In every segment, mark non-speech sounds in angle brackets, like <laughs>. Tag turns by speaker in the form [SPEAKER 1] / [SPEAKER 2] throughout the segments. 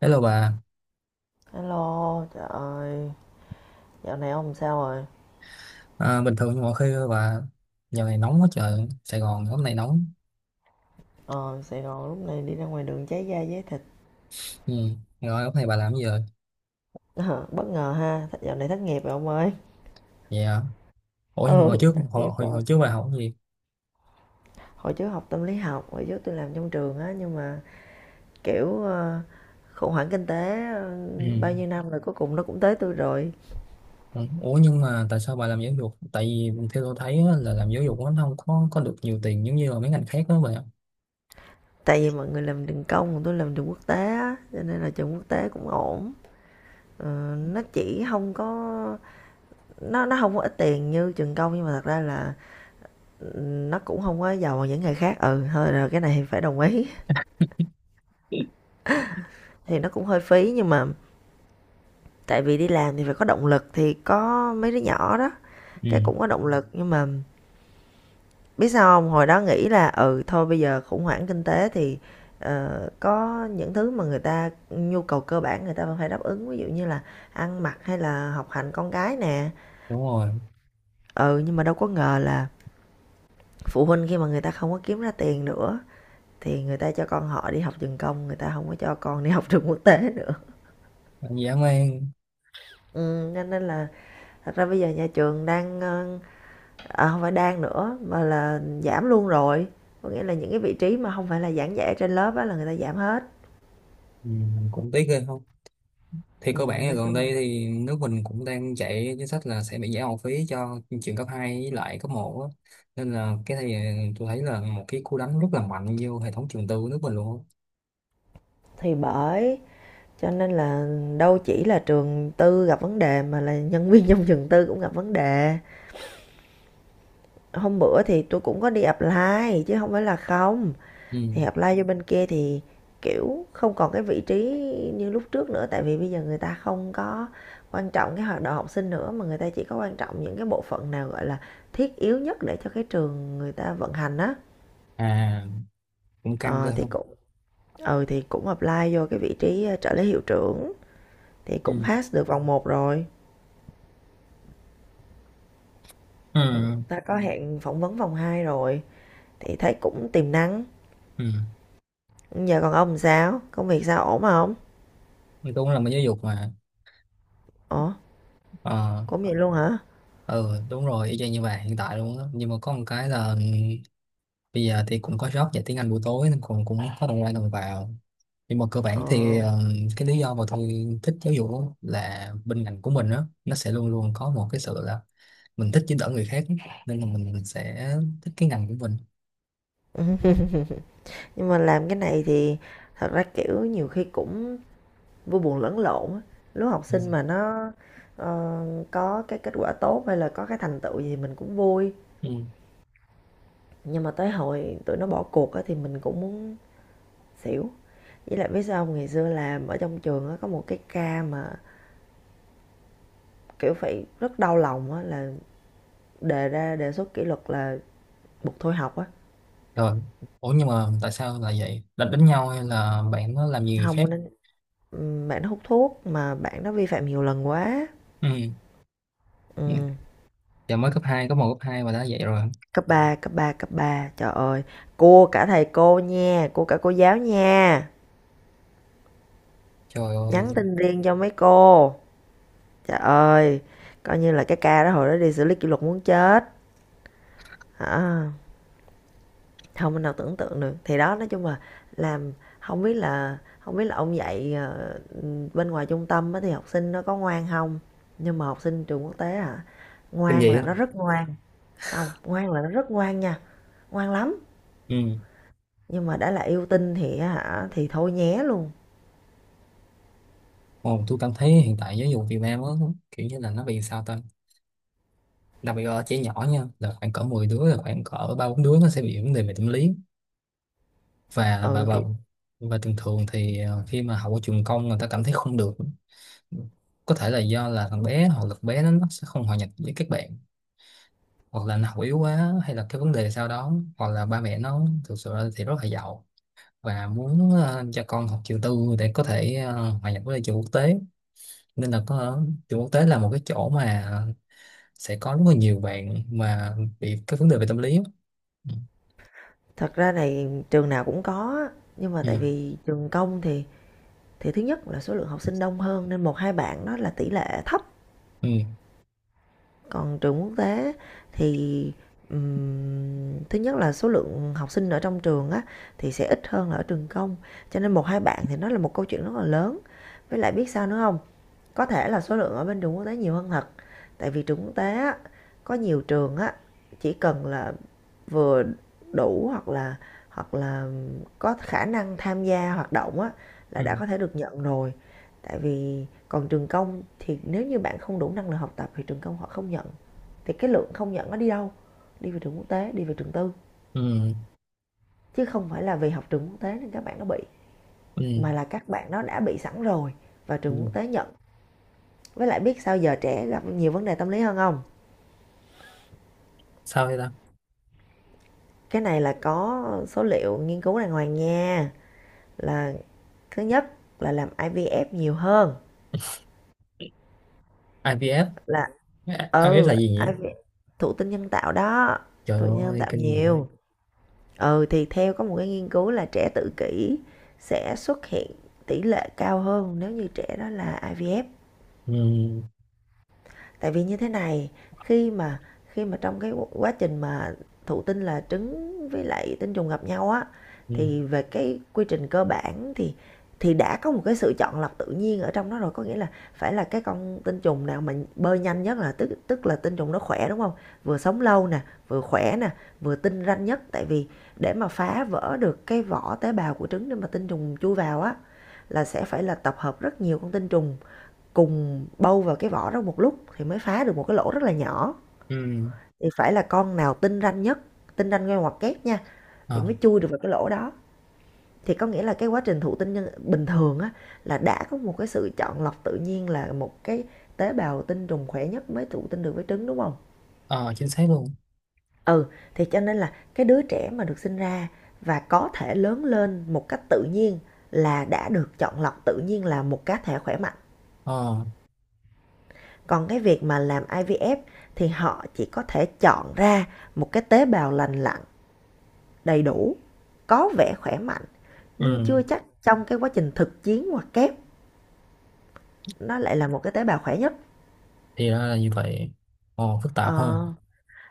[SPEAKER 1] Hello bà.
[SPEAKER 2] Hello, trời ơi, dạo này ông sao rồi?
[SPEAKER 1] Bình thường mọi khi bà giờ này nóng quá trời, Sài Gòn hôm nay nóng.
[SPEAKER 2] Ờ, Sài Gòn lúc này đi ra ngoài đường cháy da cháy thịt.
[SPEAKER 1] Ừ. Rồi hôm nay bà làm gì rồi?
[SPEAKER 2] Ờ, bất ngờ ha, dạo này thất nghiệp rồi ông ơi.
[SPEAKER 1] Vậy hả? Ủa nhưng mà
[SPEAKER 2] Ừ, thất nghiệp rồi.
[SPEAKER 1] hồi trước bà học cái gì?
[SPEAKER 2] Hồi trước học tâm lý học, hồi trước tôi làm trong trường á, nhưng mà kiểu khủng hoảng kinh tế
[SPEAKER 1] Ừ.
[SPEAKER 2] bao nhiêu năm rồi cuối cùng nó cũng tới tôi rồi.
[SPEAKER 1] Ừ. Ủa nhưng mà tại sao bà làm giáo dục? Tại vì theo tôi thấy á, là làm giáo dục nó không có có được nhiều tiền giống như là mấy ngành khác đó bà.
[SPEAKER 2] Tại vì mọi người làm trường công, còn tôi làm trường quốc tế á, cho nên là trường quốc tế cũng ổn. Ờ, nó chỉ không có nó không có ít tiền như trường công, nhưng mà thật ra là nó cũng không có giàu bằng những nghề khác. Ừ thôi rồi, cái này thì phải đồng ý, thì nó cũng hơi phí. Nhưng mà tại vì đi làm thì phải có động lực, thì có mấy đứa nhỏ đó
[SPEAKER 1] Ừ.
[SPEAKER 2] cái cũng có động lực. Nhưng mà biết sao không, hồi đó nghĩ là ừ thôi bây giờ khủng hoảng kinh tế thì có những thứ mà người ta nhu cầu cơ bản người ta vẫn phải đáp ứng, ví dụ như là ăn mặc hay là học hành con cái nè.
[SPEAKER 1] Đúng rồi.
[SPEAKER 2] Ừ, nhưng mà đâu có ngờ là phụ huynh khi mà người ta không có kiếm ra tiền nữa thì người ta cho con họ đi học trường công, người ta không có cho con đi học trường quốc tế nữa.
[SPEAKER 1] Còn dã man.
[SPEAKER 2] Cho nên là thật ra bây giờ nhà trường đang, à, hông phải đang nữa mà là giảm luôn rồi. Có nghĩa là những cái vị trí mà không phải là giảng dạy trên lớp á là người ta giảm hết.
[SPEAKER 1] Ừ. Cũng tiếc ghê không? Thì cơ bản là
[SPEAKER 2] Nói
[SPEAKER 1] gần
[SPEAKER 2] chung
[SPEAKER 1] đây thì nước mình cũng đang chạy chính sách là sẽ bị giảm học phí cho trường cấp 2 với lại cấp một á. Nên là cái này tôi thấy là một cái cú đánh rất là mạnh vô hệ thống trường tư của nước mình luôn á.
[SPEAKER 2] thì bởi, cho nên là đâu chỉ là trường tư gặp vấn đề mà là nhân viên trong trường tư cũng gặp vấn đề. Hôm bữa thì tôi cũng có đi apply chứ không phải là không.
[SPEAKER 1] Ừ.
[SPEAKER 2] Thì apply vô bên kia thì kiểu không còn cái vị trí như lúc trước nữa, tại vì bây giờ người ta không có quan trọng cái hoạt động học sinh nữa mà người ta chỉ có quan trọng những cái bộ phận nào gọi là thiết yếu nhất để cho cái trường người ta vận hành á.
[SPEAKER 1] À, cũng căng
[SPEAKER 2] ờ,
[SPEAKER 1] cơ
[SPEAKER 2] thì
[SPEAKER 1] không.
[SPEAKER 2] cũng ừ thì cũng apply vô cái vị trí trợ lý hiệu trưởng, thì cũng
[SPEAKER 1] Ừ.
[SPEAKER 2] pass được vòng một rồi.
[SPEAKER 1] Ừ.
[SPEAKER 2] Ta có hẹn phỏng vấn vòng 2 rồi, thì thấy cũng tiềm năng.
[SPEAKER 1] Ừ.
[SPEAKER 2] Giờ còn ông, sao công việc, sao ổn không?
[SPEAKER 1] Tôi cũng là một giáo dục mà.
[SPEAKER 2] Ủa,
[SPEAKER 1] Ờ.
[SPEAKER 2] cũng vậy luôn hả?
[SPEAKER 1] Ừ, đúng rồi, y chang như vậy hiện tại luôn á, nhưng mà có một cái là bây giờ thì cũng có job dạy tiếng Anh buổi tối nên cũng cũng có đầu ra đầu vào, nhưng mà cơ
[SPEAKER 2] Ờ,
[SPEAKER 1] bản thì cái lý do mà tôi thích giáo dục á là bên ngành của mình đó nó sẽ luôn luôn có một cái sự là mình thích giúp đỡ người khác, nên là mình sẽ thích cái ngành của mình.
[SPEAKER 2] ừ. Nhưng mà làm cái này thì thật ra kiểu nhiều khi cũng vui buồn lẫn lộn á. Lúc học
[SPEAKER 1] Ừ.
[SPEAKER 2] sinh mà nó ờ, có cái kết quả tốt hay là có cái thành tựu gì, mình cũng vui.
[SPEAKER 1] Ừ.
[SPEAKER 2] Nhưng mà tới hồi tụi nó bỏ cuộc á thì mình cũng muốn xỉu. Với lại biết sao không? Ngày xưa làm ở trong trường á, có một cái ca mà kiểu phải rất đau lòng á là đề ra đề xuất kỷ luật là buộc thôi học á.
[SPEAKER 1] Rồi. Ủa nhưng mà tại sao là vậy, đánh đánh nhau hay là bạn nó làm gì người khác?
[SPEAKER 2] Không nên bạn nó hút thuốc mà bạn nó vi phạm nhiều lần quá.
[SPEAKER 1] Ừ. Ừ.
[SPEAKER 2] Ừ.
[SPEAKER 1] Giờ mới cấp hai, có một cấp 2 mà đã vậy rồi.
[SPEAKER 2] Cấp ba, cấp ba, cấp 3 trời ơi! Cua cả thầy cô nha, cua cả cô giáo nha,
[SPEAKER 1] Trời ơi.
[SPEAKER 2] nhắn tin riêng cho mấy cô, trời ơi. Coi như là cái ca đó hồi đó đi xử lý kỷ luật muốn chết, hả, không mình nào tưởng tượng được. Thì đó nói chung là làm, không biết là ông dạy bên ngoài trung tâm á thì học sinh nó có ngoan không, nhưng mà học sinh trường quốc tế hả,
[SPEAKER 1] Kinh
[SPEAKER 2] ngoan
[SPEAKER 1] dị
[SPEAKER 2] là
[SPEAKER 1] á.
[SPEAKER 2] nó rất ngoan. Không, ngoan là nó rất ngoan nha, ngoan lắm.
[SPEAKER 1] Ừ.
[SPEAKER 2] Nhưng mà đã là yêu tinh thì á hả, thì thôi nhé luôn.
[SPEAKER 1] Ồ, tôi cảm thấy hiện tại giáo dục Việt Nam á kiểu như là nó bị sao ta, đặc biệt ở trẻ nhỏ nha, là khoảng cỡ 10 đứa là khoảng cỡ ba bốn đứa nó sẽ bị vấn đề về tâm lý. và và
[SPEAKER 2] Ừ
[SPEAKER 1] và
[SPEAKER 2] thì
[SPEAKER 1] và thường thường thì khi mà học ở trường công người ta cảm thấy không được, có thể là do là thằng bé hoặc lực bé nó sẽ không hòa nhập với các bạn, hoặc là nó học yếu quá hay là cái vấn đề sau đó, hoặc là ba mẹ nó thực sự thì rất là giàu và muốn cho con học trường tư để có thể hòa nhập với trường quốc tế. Nên là có, trường quốc tế là một cái chỗ mà sẽ có rất là nhiều bạn mà bị cái vấn đề về tâm lý á.
[SPEAKER 2] thật ra này trường nào cũng có, nhưng mà
[SPEAKER 1] Ừ.
[SPEAKER 2] tại vì trường công thì thứ nhất là số lượng học sinh đông hơn nên một 2 bạn đó là tỷ lệ thấp.
[SPEAKER 1] Ừ.
[SPEAKER 2] Còn trường quốc tế thì, thứ nhất là số lượng học sinh ở trong trường á thì sẽ ít hơn là ở trường công, cho nên một 2 bạn thì nó là một câu chuyện rất là lớn. Với lại biết sao nữa không? Có thể là số lượng ở bên trường quốc tế nhiều hơn thật, tại vì trường quốc tế á, có nhiều trường á, chỉ cần là vừa đủ hoặc là có khả năng tham gia hoạt động á là
[SPEAKER 1] Ừ.
[SPEAKER 2] đã có thể được nhận rồi. Tại vì còn trường công thì nếu như bạn không đủ năng lực học tập thì trường công họ không nhận. Thì cái lượng không nhận nó đi đâu? Đi về trường quốc tế, đi về trường tư.
[SPEAKER 1] Ừ.
[SPEAKER 2] Chứ không phải là vì học trường quốc tế nên các bạn nó bị,
[SPEAKER 1] Ừ. Ừ.
[SPEAKER 2] mà là các bạn nó đã bị sẵn rồi và trường
[SPEAKER 1] Ừ.
[SPEAKER 2] quốc tế nhận. Với lại biết sao giờ trẻ gặp nhiều vấn đề tâm lý hơn không?
[SPEAKER 1] Sao vậy ta?
[SPEAKER 2] Cái này là có số liệu nghiên cứu đàng hoàng nha. Là thứ nhất là làm IVF nhiều hơn,
[SPEAKER 1] IVF.
[SPEAKER 2] là,
[SPEAKER 1] AI IMF
[SPEAKER 2] ừ,
[SPEAKER 1] là gì nhỉ?
[SPEAKER 2] ai vi, thụ tinh nhân tạo đó.
[SPEAKER 1] Trời
[SPEAKER 2] Thụ tinh nhân
[SPEAKER 1] ơi
[SPEAKER 2] tạo
[SPEAKER 1] kinh dị.
[SPEAKER 2] nhiều. Ừ thì theo có một cái nghiên cứu là trẻ tự kỷ sẽ xuất hiện tỷ lệ cao hơn nếu như trẻ đó là IVF.
[SPEAKER 1] Ừ.
[SPEAKER 2] Tại vì như thế này, khi mà khi mà trong cái quá trình mà thụ tinh là trứng với lại tinh trùng gặp nhau á,
[SPEAKER 1] Ừ.
[SPEAKER 2] thì về cái quy trình cơ bản thì đã có một cái sự chọn lọc tự nhiên ở trong đó rồi, có nghĩa là phải là cái con tinh trùng nào mà bơi nhanh nhất, là tức tức là tinh trùng nó khỏe, đúng không? Vừa sống lâu nè, vừa khỏe nè, vừa tinh ranh nhất, tại vì để mà phá vỡ được cái vỏ tế bào của trứng để mà tinh trùng chui vào á là sẽ phải là tập hợp rất nhiều con tinh trùng cùng bâu vào cái vỏ đó một lúc thì mới phá được một cái lỗ rất là nhỏ.
[SPEAKER 1] Ừ.
[SPEAKER 2] Thì phải là con nào tinh ranh nhất, tinh ranh ngay ngoặc kép nha, thì
[SPEAKER 1] Ờ.
[SPEAKER 2] mới chui được vào cái lỗ đó. Thì có nghĩa là cái quá trình thụ tinh nhân bình thường á là đã có một cái sự chọn lọc tự nhiên, là một cái tế bào tinh trùng khỏe nhất mới thụ tinh được với trứng, đúng không?
[SPEAKER 1] Ờ, chính xác luôn.
[SPEAKER 2] Ừ thì cho nên là cái đứa trẻ mà được sinh ra và có thể lớn lên một cách tự nhiên là đã được chọn lọc tự nhiên, là một cá thể khỏe mạnh.
[SPEAKER 1] Ờ.
[SPEAKER 2] Còn cái việc mà làm IVF thì họ chỉ có thể chọn ra một cái tế bào lành lặn, đầy đủ, có vẻ khỏe mạnh, nhưng
[SPEAKER 1] Ừ.
[SPEAKER 2] chưa chắc trong cái quá trình thực chiến hoặc kép nó lại là một cái tế bào khỏe nhất.
[SPEAKER 1] Thì ra là như vậy. Ờ, phức tạp ha.
[SPEAKER 2] Ờ,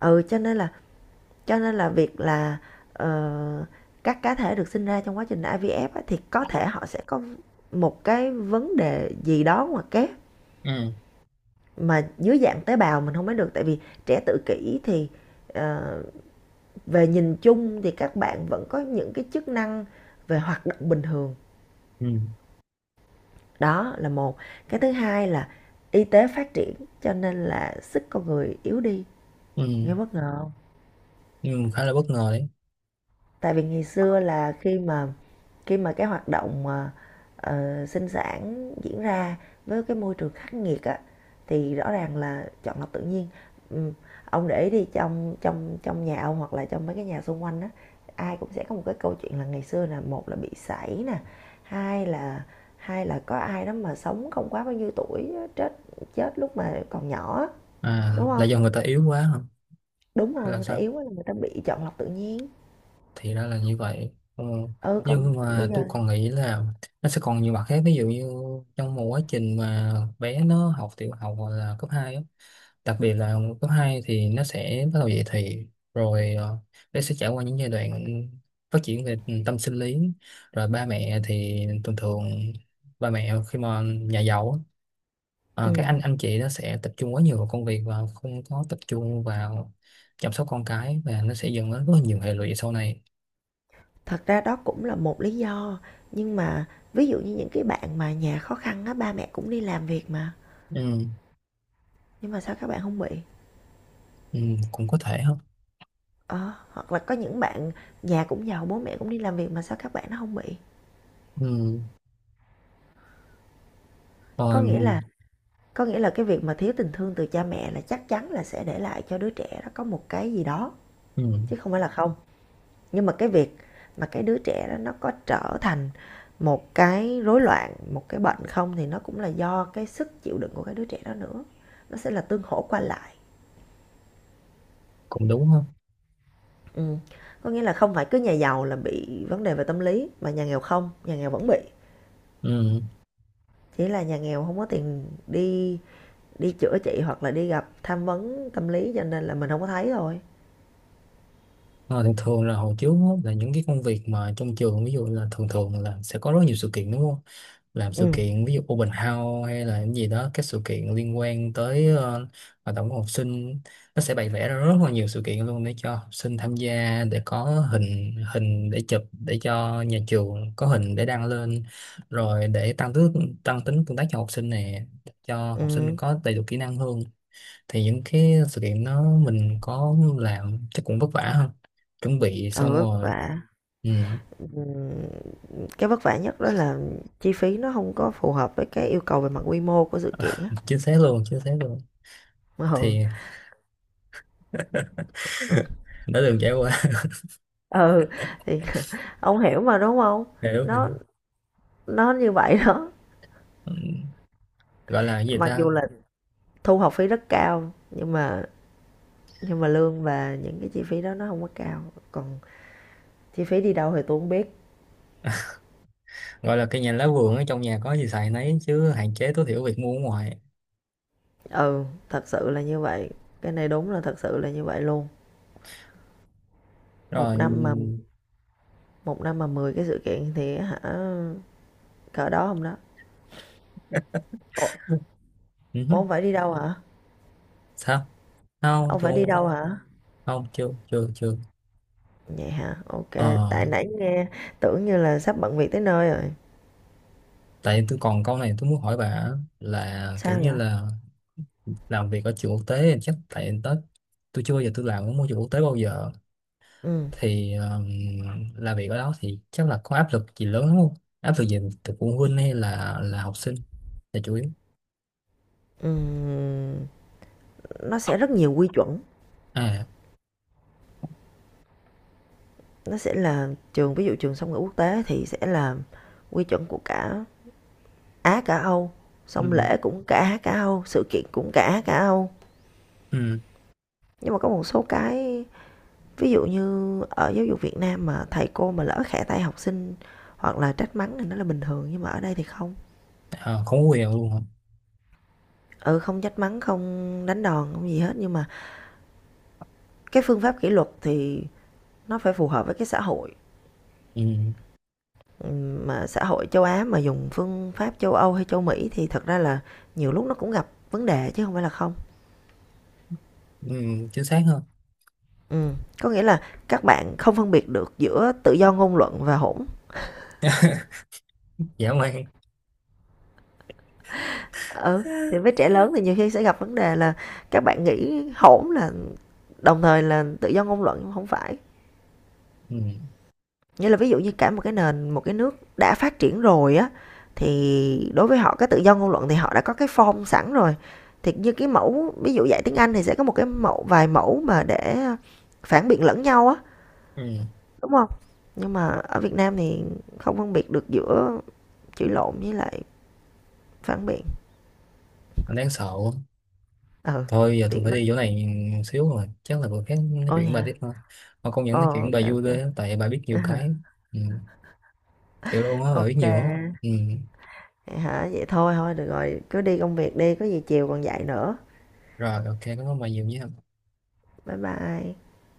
[SPEAKER 2] ừ cho nên là cho nên là việc là ờ, các cá thể được sinh ra trong quá trình IVF á, thì có thể họ sẽ có một cái vấn đề gì đó ngoài kép,
[SPEAKER 1] Ừ.
[SPEAKER 2] mà dưới dạng tế bào mình không biết được, tại vì trẻ tự kỷ thì ờ, về nhìn chung thì các bạn vẫn có những cái chức năng về hoạt động bình thường.
[SPEAKER 1] Ừ.
[SPEAKER 2] Đó là một. Cái thứ hai là y tế phát triển, cho nên là sức con người yếu đi.
[SPEAKER 1] Ừ.
[SPEAKER 2] Nghe bất ngờ không?
[SPEAKER 1] Ừ. Khá là bất ngờ đấy.
[SPEAKER 2] Tại vì ngày xưa là khi mà cái hoạt động mà sinh sản diễn ra với cái môi trường khắc nghiệt á thì rõ ràng là chọn lọc tự nhiên. Ừ. Ông để đi trong trong trong nhà ông hoặc là trong mấy cái nhà xung quanh á, ai cũng sẽ có một cái câu chuyện là ngày xưa là một là bị sảy nè, hai là hai là có ai đó mà sống không quá bao nhiêu tuổi chết, chết lúc mà còn nhỏ.
[SPEAKER 1] À
[SPEAKER 2] Đúng
[SPEAKER 1] là
[SPEAKER 2] không?
[SPEAKER 1] do người ta yếu quá hả
[SPEAKER 2] Đúng
[SPEAKER 1] hay
[SPEAKER 2] rồi,
[SPEAKER 1] là
[SPEAKER 2] người ta
[SPEAKER 1] sao?
[SPEAKER 2] yếu quá là người ta bị chọn lọc tự nhiên.
[SPEAKER 1] Thì ra là như vậy. Ờ.
[SPEAKER 2] Ừ, còn
[SPEAKER 1] Nhưng
[SPEAKER 2] bây
[SPEAKER 1] mà tôi
[SPEAKER 2] giờ,
[SPEAKER 1] còn nghĩ là nó sẽ còn nhiều mặt khác, ví dụ như trong một quá trình mà bé nó học tiểu học hoặc là cấp hai á. Đặc biệt là cấp 2 thì nó sẽ bắt đầu dậy thì, rồi bé sẽ trải qua những giai đoạn phát triển về tâm sinh lý, rồi ba mẹ thì thường thường, ba mẹ khi mà nhà giàu á, ờ, các
[SPEAKER 2] ừ,
[SPEAKER 1] anh chị nó sẽ tập trung quá nhiều vào công việc và không có tập trung vào chăm sóc con cái, và nó sẽ dẫn đến rất là nhiều hệ lụy sau này.
[SPEAKER 2] thật ra đó cũng là một lý do, nhưng mà ví dụ như những cái bạn mà nhà khó khăn á, ba mẹ cũng đi làm việc mà,
[SPEAKER 1] Ừ.
[SPEAKER 2] nhưng mà sao các bạn không bị?
[SPEAKER 1] Ừ, cũng có thể không.
[SPEAKER 2] Ờ, hoặc là có những bạn nhà cũng giàu, bố mẹ cũng đi làm việc mà sao các bạn nó không bị?
[SPEAKER 1] Ừ.
[SPEAKER 2] Có nghĩa là
[SPEAKER 1] Rồi.
[SPEAKER 2] có nghĩa là cái việc mà thiếu tình thương từ cha mẹ là chắc chắn là sẽ để lại cho đứa trẻ nó có một cái gì đó,
[SPEAKER 1] Ừ,
[SPEAKER 2] chứ không phải là không. Nhưng mà cái việc mà cái đứa trẻ đó nó có trở thành một cái rối loạn, một cái bệnh không thì nó cũng là do cái sức chịu đựng của cái đứa trẻ đó nữa, nó sẽ là tương hỗ qua lại.
[SPEAKER 1] cũng đúng không.
[SPEAKER 2] Ừm, có nghĩa là không phải cứ nhà giàu là bị vấn đề về tâm lý mà nhà nghèo không, nhà nghèo vẫn bị,
[SPEAKER 1] Ừ.
[SPEAKER 2] chỉ là nhà nghèo không có tiền đi đi chữa trị hoặc là đi gặp tham vấn tâm lý cho nên là mình không có thấy thôi.
[SPEAKER 1] Ờ, thường thường là hồi trước á, là những cái công việc mà trong trường, ví dụ là thường thường là sẽ có rất nhiều sự kiện đúng không? Làm sự
[SPEAKER 2] Ừ.
[SPEAKER 1] kiện, ví dụ open house hay là cái gì đó, các sự kiện liên quan tới hoạt động của học sinh, nó sẽ bày vẽ ra rất là nhiều sự kiện luôn để cho học sinh tham gia, để có hình hình để chụp để cho nhà trường có hình để đăng lên, rồi để tăng tính tương tác cho học sinh nè, cho học sinh
[SPEAKER 2] Ừm.
[SPEAKER 1] có đầy đủ kỹ năng hơn. Thì những cái sự kiện đó mình có làm chắc cũng vất vả hơn, chuẩn bị xong
[SPEAKER 2] Ừ, vất
[SPEAKER 1] rồi.
[SPEAKER 2] vả.
[SPEAKER 1] Ừ,
[SPEAKER 2] ừm, cái vất vả nhất đó là chi phí nó không có phù hợp với cái yêu cầu về mặt quy mô của sự kiện á.
[SPEAKER 1] chính xác luôn, chính xác luôn.
[SPEAKER 2] Ừ,
[SPEAKER 1] Thì
[SPEAKER 2] ừ,
[SPEAKER 1] <laughs> đã từng trải qua.
[SPEAKER 2] ừ, thì ông hiểu mà, đúng không?
[SPEAKER 1] <laughs> Hiểu
[SPEAKER 2] Nó
[SPEAKER 1] hiểu.
[SPEAKER 2] nó như vậy đó.
[SPEAKER 1] Ừ, gọi là cái gì
[SPEAKER 2] Mặc
[SPEAKER 1] ta,
[SPEAKER 2] dù là thu học phí rất cao nhưng mà lương và những cái chi phí đó nó không có cao, còn chi phí đi đâu thì tôi không biết.
[SPEAKER 1] gọi là cây nhà lá vườn, ở trong nhà có gì xài nấy chứ hạn chế tối thiểu việc mua ở ngoài.
[SPEAKER 2] Ừ, thật sự là như vậy, cái này đúng là thật sự là như vậy luôn. một năm mà
[SPEAKER 1] Rồi.
[SPEAKER 2] một năm mà 10 cái sự kiện thì hả? Cỡ đó không đó? Ủa.
[SPEAKER 1] Ừ. Hứ.
[SPEAKER 2] Ủa, ông phải đi đâu hả?
[SPEAKER 1] Sao? Không,
[SPEAKER 2] Ông phải đi
[SPEAKER 1] tôi không.
[SPEAKER 2] đâu hả?
[SPEAKER 1] Không, chưa chưa chưa.
[SPEAKER 2] Vậy hả? Ok.
[SPEAKER 1] Ờ,
[SPEAKER 2] Tại nãy nghe tưởng như là sắp bận việc tới nơi rồi.
[SPEAKER 1] tại tôi còn câu này tôi muốn hỏi bà, là kiểu
[SPEAKER 2] Sao
[SPEAKER 1] như
[SPEAKER 2] vậy?
[SPEAKER 1] là làm việc ở trường quốc tế chắc tại tới, tôi chưa bao giờ tôi làm ở môi trường quốc tế bao giờ,
[SPEAKER 2] Ừ.
[SPEAKER 1] thì làm việc ở đó thì chắc là có áp lực gì lớn lắm không, áp lực gì từ phụ huynh hay là học sinh là chủ yếu.
[SPEAKER 2] Ừ, nó sẽ rất nhiều quy chuẩn.
[SPEAKER 1] À.
[SPEAKER 2] Nó sẽ là trường, ví dụ trường song ngữ quốc tế thì sẽ là quy chuẩn của cả Á cả Âu, xong
[SPEAKER 1] Ừ.
[SPEAKER 2] lễ cũng cả Á cả Âu, sự kiện cũng cả Á cả Âu.
[SPEAKER 1] Ừ.
[SPEAKER 2] Nhưng mà có một số cái, ví dụ như ở giáo dục Việt Nam mà thầy cô mà lỡ khẽ tay học sinh hoặc là trách mắng thì nó là bình thường, nhưng mà ở đây thì không.
[SPEAKER 1] À, không có quyền luôn hả.
[SPEAKER 2] Ừ, không trách mắng, không đánh đòn, không gì hết, nhưng mà cái phương pháp kỷ luật thì nó phải phù hợp với cái xã hội.
[SPEAKER 1] Ừ.
[SPEAKER 2] Ừ, mà xã hội châu Á mà dùng phương pháp châu Âu hay châu Mỹ thì thật ra là nhiều lúc nó cũng gặp vấn đề, chứ không phải là không.
[SPEAKER 1] Ừ, chính xác hơn.
[SPEAKER 2] Ừ, có nghĩa là các bạn không phân biệt được giữa tự do ngôn luận và hỗn.
[SPEAKER 1] Dã man.
[SPEAKER 2] Ừ, thì với trẻ lớn thì nhiều khi sẽ gặp vấn đề là các bạn nghĩ hỗn là đồng thời là tự do ngôn luận, nhưng không phải.
[SPEAKER 1] Ừ.
[SPEAKER 2] Nghĩa là ví dụ như cả một cái nền, một cái nước đã phát triển rồi á, thì đối với họ cái tự do ngôn luận thì họ đã có cái form sẵn rồi. Thì như cái mẫu, ví dụ dạy tiếng Anh thì sẽ có một cái mẫu, vài mẫu mà để phản biện lẫn nhau á,
[SPEAKER 1] Ừ,
[SPEAKER 2] đúng không? Nhưng mà ở Việt Nam thì không phân biệt được giữa chửi lộn với lại phản biện.
[SPEAKER 1] mình đang sợ quá.
[SPEAKER 2] Ừ,
[SPEAKER 1] Thôi giờ tôi
[SPEAKER 2] tiện
[SPEAKER 1] phải
[SPEAKER 2] lắm.
[SPEAKER 1] đi chỗ này xíu rồi, chắc là bữa khác nói chuyện
[SPEAKER 2] Ôi
[SPEAKER 1] với bà tiếp
[SPEAKER 2] hả?
[SPEAKER 1] thôi. Mà công nhận
[SPEAKER 2] Ồ,
[SPEAKER 1] nói chuyện với bà
[SPEAKER 2] ok
[SPEAKER 1] vui
[SPEAKER 2] ok.
[SPEAKER 1] ghê á, tại bà biết nhiều cái.
[SPEAKER 2] <laughs>
[SPEAKER 1] Ừ, thiệt luôn á, bà biết
[SPEAKER 2] Ok.
[SPEAKER 1] nhiều á. Ừ,
[SPEAKER 2] Hả? Vậy thôi thôi được rồi, cứ đi công việc đi, có gì chiều còn dạy nữa.
[SPEAKER 1] rồi ok, cảm ơn bà nhiều nhé.
[SPEAKER 2] Bye bye.